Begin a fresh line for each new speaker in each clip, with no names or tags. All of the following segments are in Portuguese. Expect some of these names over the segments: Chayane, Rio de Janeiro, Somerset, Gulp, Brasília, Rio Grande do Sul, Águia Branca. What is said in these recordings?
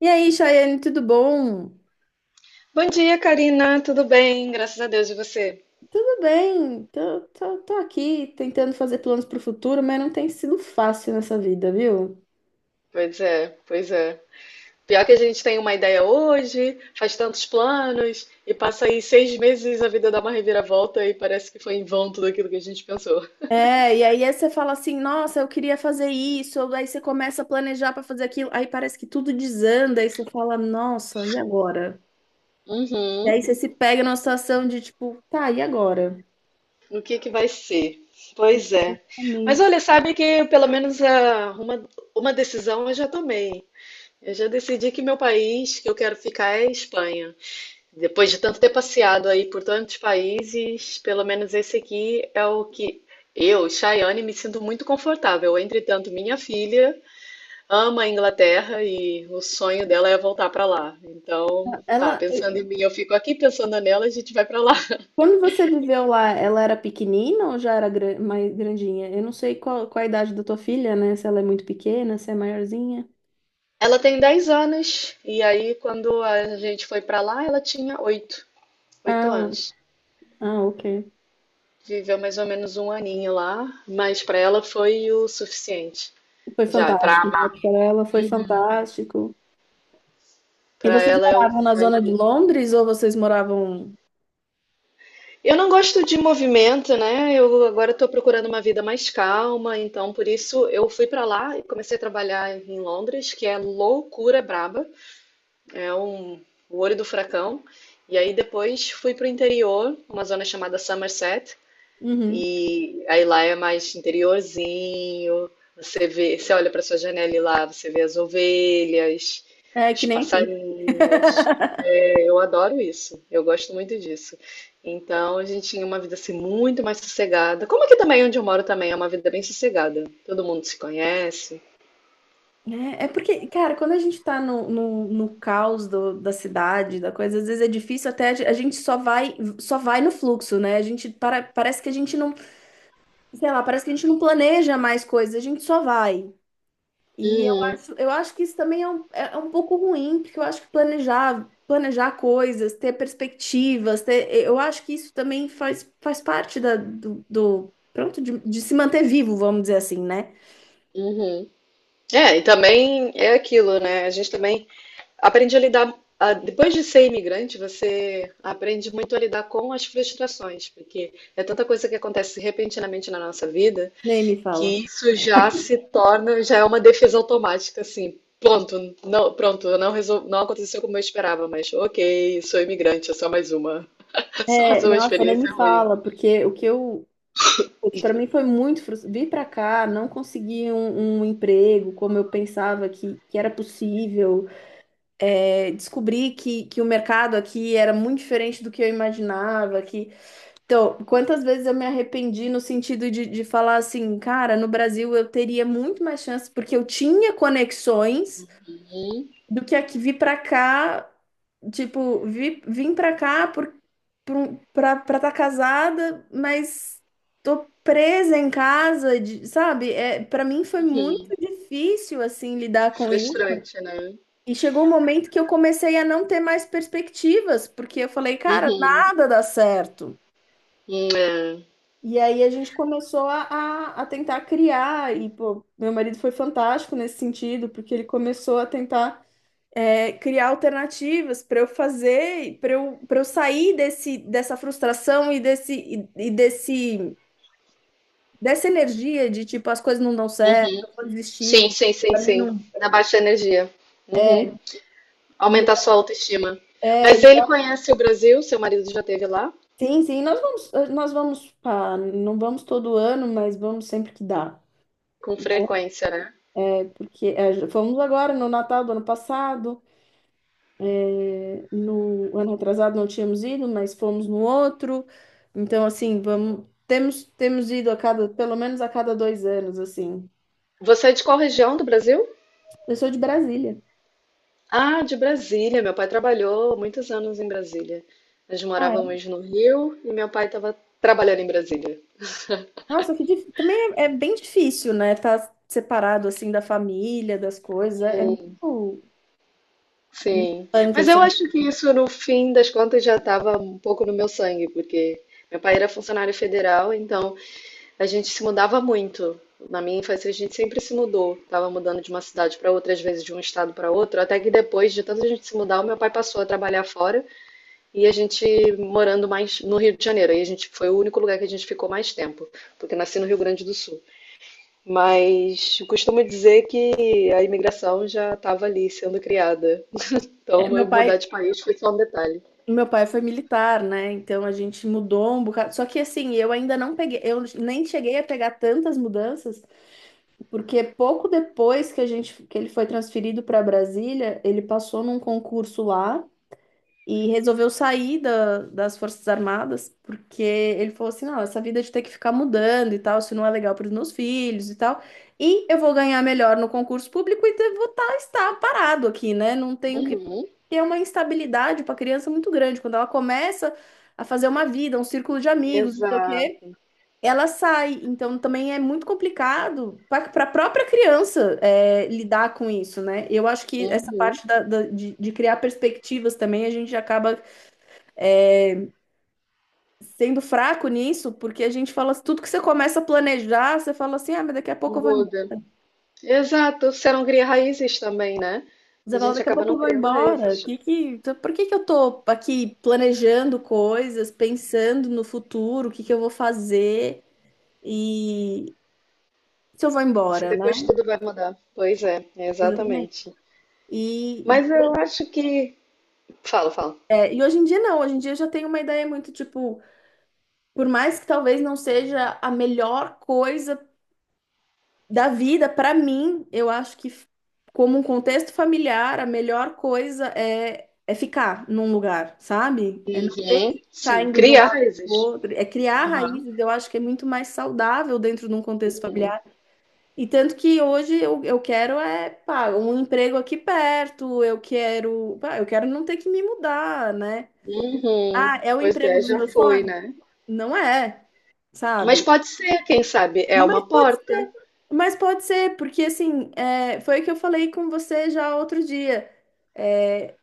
E aí, Chayane, tudo bom?
Bom dia, Karina. Tudo bem? Graças a Deus e você.
Tudo bem, tô aqui tentando fazer planos para o futuro, mas não tem sido fácil nessa vida, viu?
Pois é, pois é. Pior que a gente tem uma ideia hoje, faz tantos planos, e passa aí 6 meses a vida dá uma reviravolta e parece que foi em vão tudo aquilo que a gente pensou.
É, e aí você fala assim, nossa, eu queria fazer isso, ou aí você começa a planejar para fazer aquilo, aí parece que tudo desanda, aí você fala, nossa, e agora? E aí
Uhum.
você se pega numa situação de tipo, tá, e agora?
O que que vai ser? Pois é. Mas
Realmente.
olha, sabe que pelo menos uma decisão eu já tomei. Eu já decidi que meu país que eu quero ficar é a Espanha. Depois de tanto ter passeado aí por tantos países, pelo menos esse aqui é o que eu, Chayane, me sinto muito confortável. Entretanto, minha filha ama a Inglaterra e o sonho dela é voltar para lá. Então, tá,
Ela,
pensando em mim, eu fico aqui, pensando nela, a gente vai para lá.
Quando você viveu lá, ela era pequenina ou já era mais grandinha? Eu não sei qual a idade da tua filha, né? Se ela é muito pequena, se é maiorzinha.
Ela tem 10 anos e aí quando a gente foi para lá, ela tinha oito
Ah,
anos.
ah, ok.
Viveu mais ou menos um aninho lá, mas para ela foi o suficiente.
Foi
Já, para
fantástico, né?
amar.
Para ela foi fantástico. E
Para
vocês
ela é o
moravam na
sonho
zona de
de...
Londres ou vocês moravam...
Eu não gosto de movimento, né? Eu agora estou procurando uma vida mais calma, então por isso eu fui para lá e comecei a trabalhar em Londres, que é loucura braba, é um, o olho do furacão. E aí depois fui para o interior, uma zona chamada Somerset,
Uhum.
e aí lá é mais interiorzinho. Você vê, você olha para sua janela e lá você vê as ovelhas,
É que
os
nem aqui.
passarinhos. Eu adoro isso, eu gosto muito disso. Então a gente tinha uma vida assim muito mais sossegada. Como aqui também onde eu moro também é uma vida bem sossegada. Todo mundo se conhece.
É, é porque, cara, quando a gente tá no caos da cidade, da coisa, às vezes é difícil até a gente só vai no fluxo, né? A gente para, parece que a gente não sei lá, parece que a gente não planeja mais coisas, a gente só vai. E eu
Uhum,
acho, eu acho que isso também é um pouco ruim, porque eu acho que planejar coisas, ter perspectivas, eu acho que isso também faz parte pronto, de se manter vivo, vamos dizer assim, né?
uhum. É, e também é aquilo, né? A gente também aprende a lidar. Depois de ser imigrante, você aprende muito a lidar com as frustrações, porque é tanta coisa que acontece repentinamente na nossa vida
Nem me fala.
que isso já se torna, já é uma defesa automática, assim. Pronto, não, não aconteceu como eu esperava, mas ok, sou imigrante, é só mais uma. Só mais
É,
uma
nossa, nem me
experiência ruim.
fala, porque para mim foi muito frustrante. Vim para cá, não consegui um emprego como eu pensava que era possível. É, descobri que o mercado aqui era muito diferente do que eu imaginava, que... Então, quantas vezes eu me arrependi no sentido de falar assim, cara, no Brasil eu teria muito mais chance, porque eu tinha conexões
Uhum.
do que aqui vir pra cá, tipo, vim pra cá pra tá casada, mas tô presa em casa, sabe? É, para mim foi muito difícil, assim, lidar com
Frustrante, né?
e chegou um momento que eu comecei a não ter mais perspectivas, porque eu falei, cara,
Uhum.
nada dá certo.
É.
E aí a gente começou a tentar criar, e pô, meu marido foi fantástico nesse sentido, porque ele começou a tentar, é, criar alternativas para eu fazer, para eu sair dessa frustração e dessa energia de tipo, as coisas não dão certo,
Uhum.
eu vou desistir,
Sim, sim, sim,
pra mim
sim.
não.
Da baixa energia. Uhum.
é, E,
Aumenta a sua autoestima.
é,
Mas
é,
ele conhece o Brasil, seu marido já esteve lá?
Sim, sim, nós vamos, pá, não vamos todo ano, mas vamos sempre que dá.
Com frequência, né?
É porque fomos agora no Natal do ano passado, no ano atrasado não tínhamos ido, mas fomos no outro. Então, assim, temos ido a cada, pelo menos a cada dois anos, assim.
Você é de qual região do Brasil?
Eu sou de Brasília.
Ah, de Brasília. Meu pai trabalhou muitos anos em Brasília. Nós
Ah, é?
morávamos no Rio e meu pai estava trabalhando em Brasília.
Nossa, também é bem difícil, né? Tá separado assim da família, das coisas. É muito
Sim.
punk,
Mas eu
assim.
acho que isso, no fim das contas, já estava um pouco no meu sangue, porque meu pai era funcionário federal, então a gente se mudava muito. Na minha infância, a gente sempre se mudou. Tava mudando de uma cidade para outra, às vezes de um estado para outro, até que depois de tanta gente se mudar, o meu pai passou a trabalhar fora. E a gente morando mais no Rio de Janeiro. Aí a gente foi o único lugar que a gente ficou mais tempo, porque nasci no Rio Grande do Sul. Mas eu costumo dizer que a imigração já estava ali sendo criada.
É,
Então eu
meu
mudar
pai,
de país foi só um detalhe.
Meu pai foi militar, né? Então a gente mudou um bocado. Só que assim, eu ainda não peguei, eu nem cheguei a pegar tantas mudanças, porque pouco depois que a gente que ele foi transferido para Brasília, ele passou num concurso lá. E resolveu sair das Forças Armadas, porque ele falou assim: não, essa vida de ter que ficar mudando e tal, isso não é legal para os meus filhos e tal. E eu vou ganhar melhor no concurso público e estar parado aqui, né? Não tenho que
Uhum.
ter uma instabilidade para criança muito grande. Quando ela começa a fazer uma vida, um círculo de amigos, não sei o quê,
Exato.
ela sai. Então também é muito complicado para a própria criança lidar com isso, né? Eu acho que essa
Uhum.
parte de criar perspectivas também a gente acaba sendo fraco nisso, porque a gente fala, tudo que você começa a planejar, você fala assim, ah, mas daqui a pouco eu vou embora.
Muda. Exato. Você não cria raízes também, né? A
Você fala,
gente
daqui a
acaba
pouco
não
eu vou
criando
embora.
raízes.
Que, então, por que que eu tô aqui planejando coisas, pensando no futuro, o que que eu vou fazer e se eu vou
Se
embora,
depois
né?
tudo vai mudar. Pois é,
Exatamente.
exatamente.
E, e,
Mas eu acho que... Fala, fala.
e hoje em dia não, hoje em dia eu já tenho uma ideia muito, tipo, por mais que talvez não seja a melhor coisa da vida, para mim, eu acho que, como um contexto familiar, a melhor coisa é ficar num lugar, sabe? É não ter
Uhum,
que ficar
sim.
indo de um
Cria
lado para o
raízes.
outro. É criar
Aham.
raízes, eu acho que é muito mais saudável dentro de um contexto familiar. E tanto que hoje eu quero é, pá, um emprego aqui perto, eu quero não ter que me mudar, né?
Uhum.
Ah, é o
Pois
emprego
é,
dos
já
meus
foi,
sonhos?
né?
Não é,
Mas
sabe?
pode ser, quem sabe, é uma porta.
Mas pode ser, porque assim, é, foi o que eu falei com você já outro dia. É,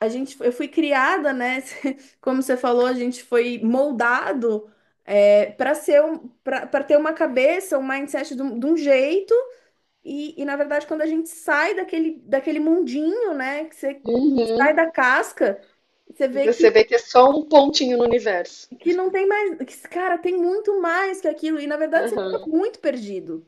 eu fui criada, né? Como você falou, a gente foi moldado para ter uma cabeça, um mindset de um jeito. E na verdade, quando a gente sai daquele mundinho, né? Que você
Uhum.
sai da casca, você
E
vê
você
que
vê que é só um pontinho no universo.
que não tem mais, que, cara, tem muito mais que aquilo, e na verdade você fica
Aham.
muito perdido.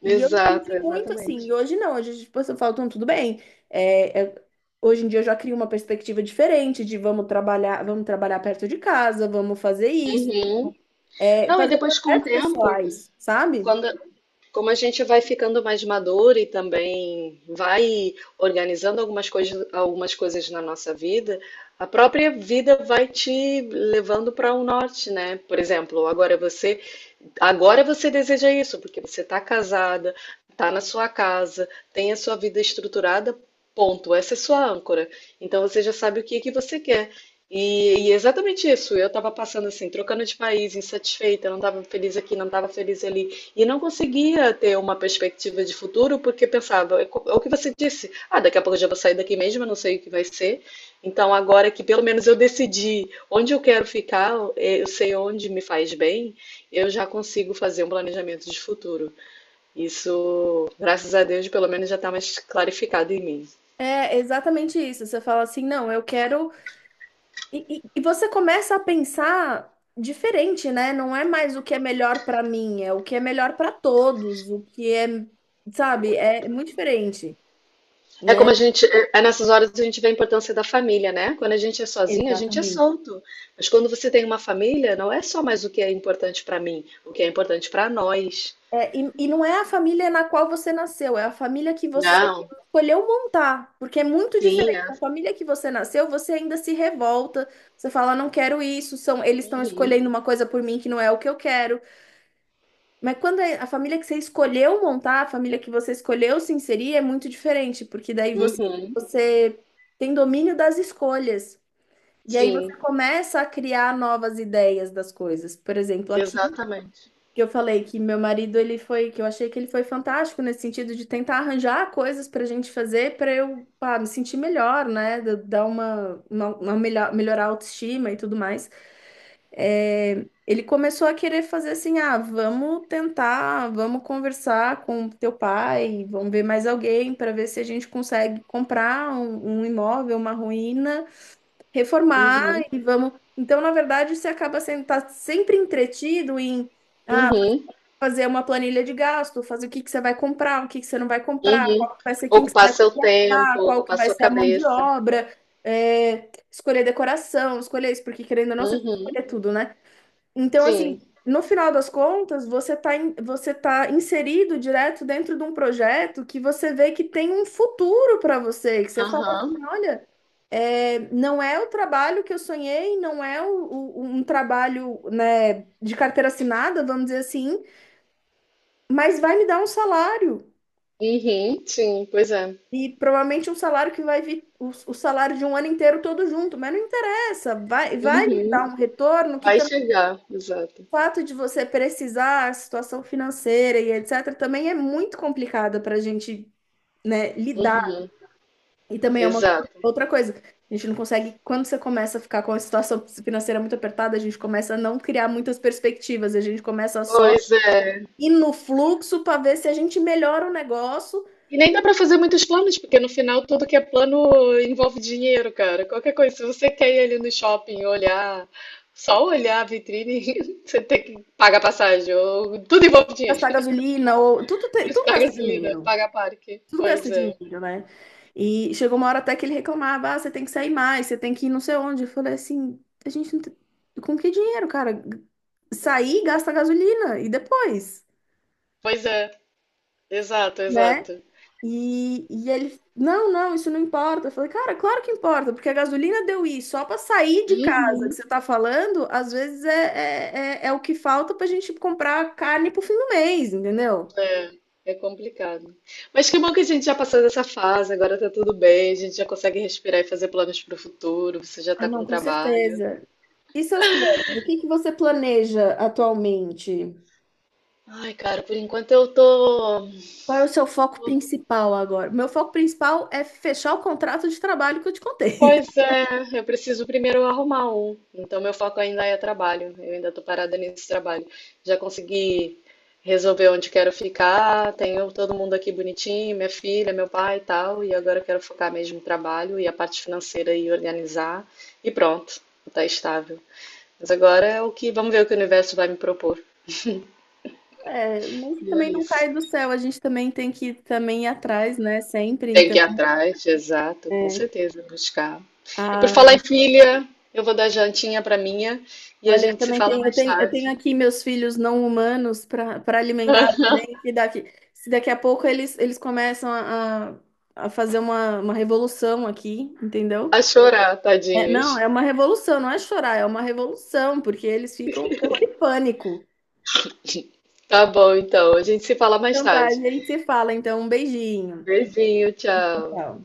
E eu me
Exato,
senti muito assim,
exatamente.
e hoje não, hoje tipo, eu falo, "Então, tudo bem. É, é- hoje em dia eu já crio uma perspectiva diferente de vamos trabalhar perto de casa, vamos fazer isso,
Uhum.
é,
Não, e
fazer
depois com o
projetos
tempo,
pessoais, sabe?
quando... Como a gente vai ficando mais maduro e também vai organizando algumas coisas na nossa vida, a própria vida vai te levando para um norte, né? Por exemplo, agora você... Agora você deseja isso, porque você está casada, está na sua casa, tem a sua vida estruturada, ponto. Essa é sua âncora. Então você já sabe o que que você quer. E é exatamente isso. Eu estava passando assim, trocando de país, insatisfeita, não estava feliz aqui, não estava feliz ali. E não conseguia ter uma perspectiva de futuro, porque pensava, é é o que você disse, ah, daqui a pouco eu já vou sair daqui mesmo, eu não sei o que vai ser. Então, agora que pelo menos eu decidi onde eu quero ficar, eu sei onde me faz bem, eu já consigo fazer um planejamento de futuro. Isso, graças a Deus, pelo menos já está mais clarificado em mim.
É exatamente isso. Você fala assim, não, eu quero. E você começa a pensar diferente, né? Não é mais o que é melhor pra mim, é o que é melhor pra todos, o que é, sabe, é muito diferente,
É
né?
como a gente, é nessas horas a gente vê a importância da família, né? Quando a gente é sozinho, a gente é
Exatamente.
solto. Mas quando você tem uma família, não é só mais o que é importante para mim, o que é importante para nós.
É, e não é a família na qual você nasceu, é a família que você
Não,
escolheu montar, porque é muito
sim,
diferente.
é.
A família que você nasceu, você ainda se revolta, você fala, não quero isso, eles estão
Uhum,
escolhendo uma coisa por mim que não é o que eu quero. Mas quando é a família que você escolheu montar, a família que você escolheu se inserir, é muito diferente, porque daí
uhum,
você tem domínio das escolhas. E aí você
sim,
começa a criar novas ideias das coisas. Por exemplo, aqui
exatamente.
que eu falei que eu achei que ele foi fantástico nesse sentido de tentar arranjar coisas para a gente fazer para eu, pá, me sentir melhor, né? Da- Dar uma melhor, melhorar a autoestima e tudo mais. Ele começou a querer fazer assim, ah, vamos tentar, vamos conversar com teu pai, vamos ver mais alguém para ver se a gente consegue comprar um imóvel, uma ruína, reformar
Uhum,
e vamos. Então, na verdade, você acaba sendo tá sempre entretido em ah,
uhum,
fazer uma planilha de gasto, fazer o que que você vai comprar, o que que você não vai comprar,
uhum.
qual que vai ser quem que você
Ocupar
vai
seu tempo,
contratar, qual que
ocupar
vai
sua
ser a mão de
cabeça.
obra, é, escolher decoração, escolher isso, porque querendo ou não, você tem que
Uhum,
escolher tudo, né? Então,
sim,
assim, no final das contas, você tá inserido direto dentro de um projeto que você vê que tem um futuro para você, que você fala
aham,
assim, olha, é, não é o trabalho que eu sonhei, não é um trabalho, né, de carteira assinada, vamos dizer assim, mas vai me dar um salário.
Uhum, sim, pois é.
E provavelmente um salário que vai vir, o salário de um ano inteiro todo junto, mas não interessa, vai me dar
Uhum,
um retorno que
vai chegar, exato.
o fato de você precisar, a situação financeira e etc., também é muito complicada para a gente, né, lidar.
Uhum,
E também é uma
exato.
outra coisa. A gente não consegue, quando você começa a ficar com a situação financeira muito apertada, a gente começa a não criar muitas perspectivas, a gente começa só
Pois é.
ir no fluxo para ver se a gente melhora o negócio,
E nem dá pra fazer muitos planos, porque no final tudo que é plano envolve dinheiro, cara. Qualquer coisa, se você quer ir ali no shopping olhar, só olhar a vitrine, você tem que pagar passagem, ou tudo envolve dinheiro.
gastar gasolina ou tudo, tudo
Paga
gasta
gasolina,
dinheiro.
paga parque.
Tudo gasta
Pois é.
dinheiro, né? E chegou uma hora até que ele reclamava, ah, você tem que sair mais, você tem que ir não sei onde. Eu falei assim, a gente não tem... com que dinheiro, cara? Sair, gasta gasolina e depois,
Pois é, exato,
né?
exato.
E ele, não, não, isso não importa. Eu falei, cara, claro que importa, porque a gasolina deu isso. Só para sair de casa que
Uhum.
você tá falando, às vezes é o que falta pra gente comprar carne pro fim do mês, entendeu?
É complicado. Mas que bom que a gente já passou dessa fase, agora tá tudo bem, a gente já consegue respirar e fazer planos pro futuro, você já
Ah,
tá
não,
com
com
trabalho.
certeza. E seus planos? O que que você planeja atualmente?
Ai, cara, por enquanto eu tô.
Qual é o seu foco principal agora? Meu foco principal é fechar o contrato de trabalho que eu te contei.
Pois é, eu preciso primeiro arrumar um. Então meu foco ainda é trabalho. Eu ainda tô parada nesse trabalho. Já consegui resolver onde quero ficar, tenho todo mundo aqui bonitinho, minha filha, meu pai e tal, e agora eu quero focar mesmo no trabalho e a parte financeira e organizar e pronto, tá estável. Mas agora é o que, vamos ver o que o universo vai me propor.
É, mas
E é
também não
isso.
cai do céu, a gente também tem que também ir atrás, né? Sempre.
Tem que
Então,
ir atrás, exato, com
é,
certeza, buscar. E por falar em
a-
filha, eu vou dar jantinha pra minha e a
olha,
gente se
também
fala
tem,
mais
eu tenho
tarde.
aqui meus filhos não humanos para alimentar também. Se daqui a pouco eles começam a fazer uma revolução aqui, entendeu?
A chorar,
É, não,
tadinhos.
é uma revolução, não é chorar, é uma revolução, porque eles ficam com terror e pânico.
Tá bom, então. A gente se fala mais
Então tá, a
tarde.
gente se fala, então um beijinho.
Beijinho, tchau.
Tchau.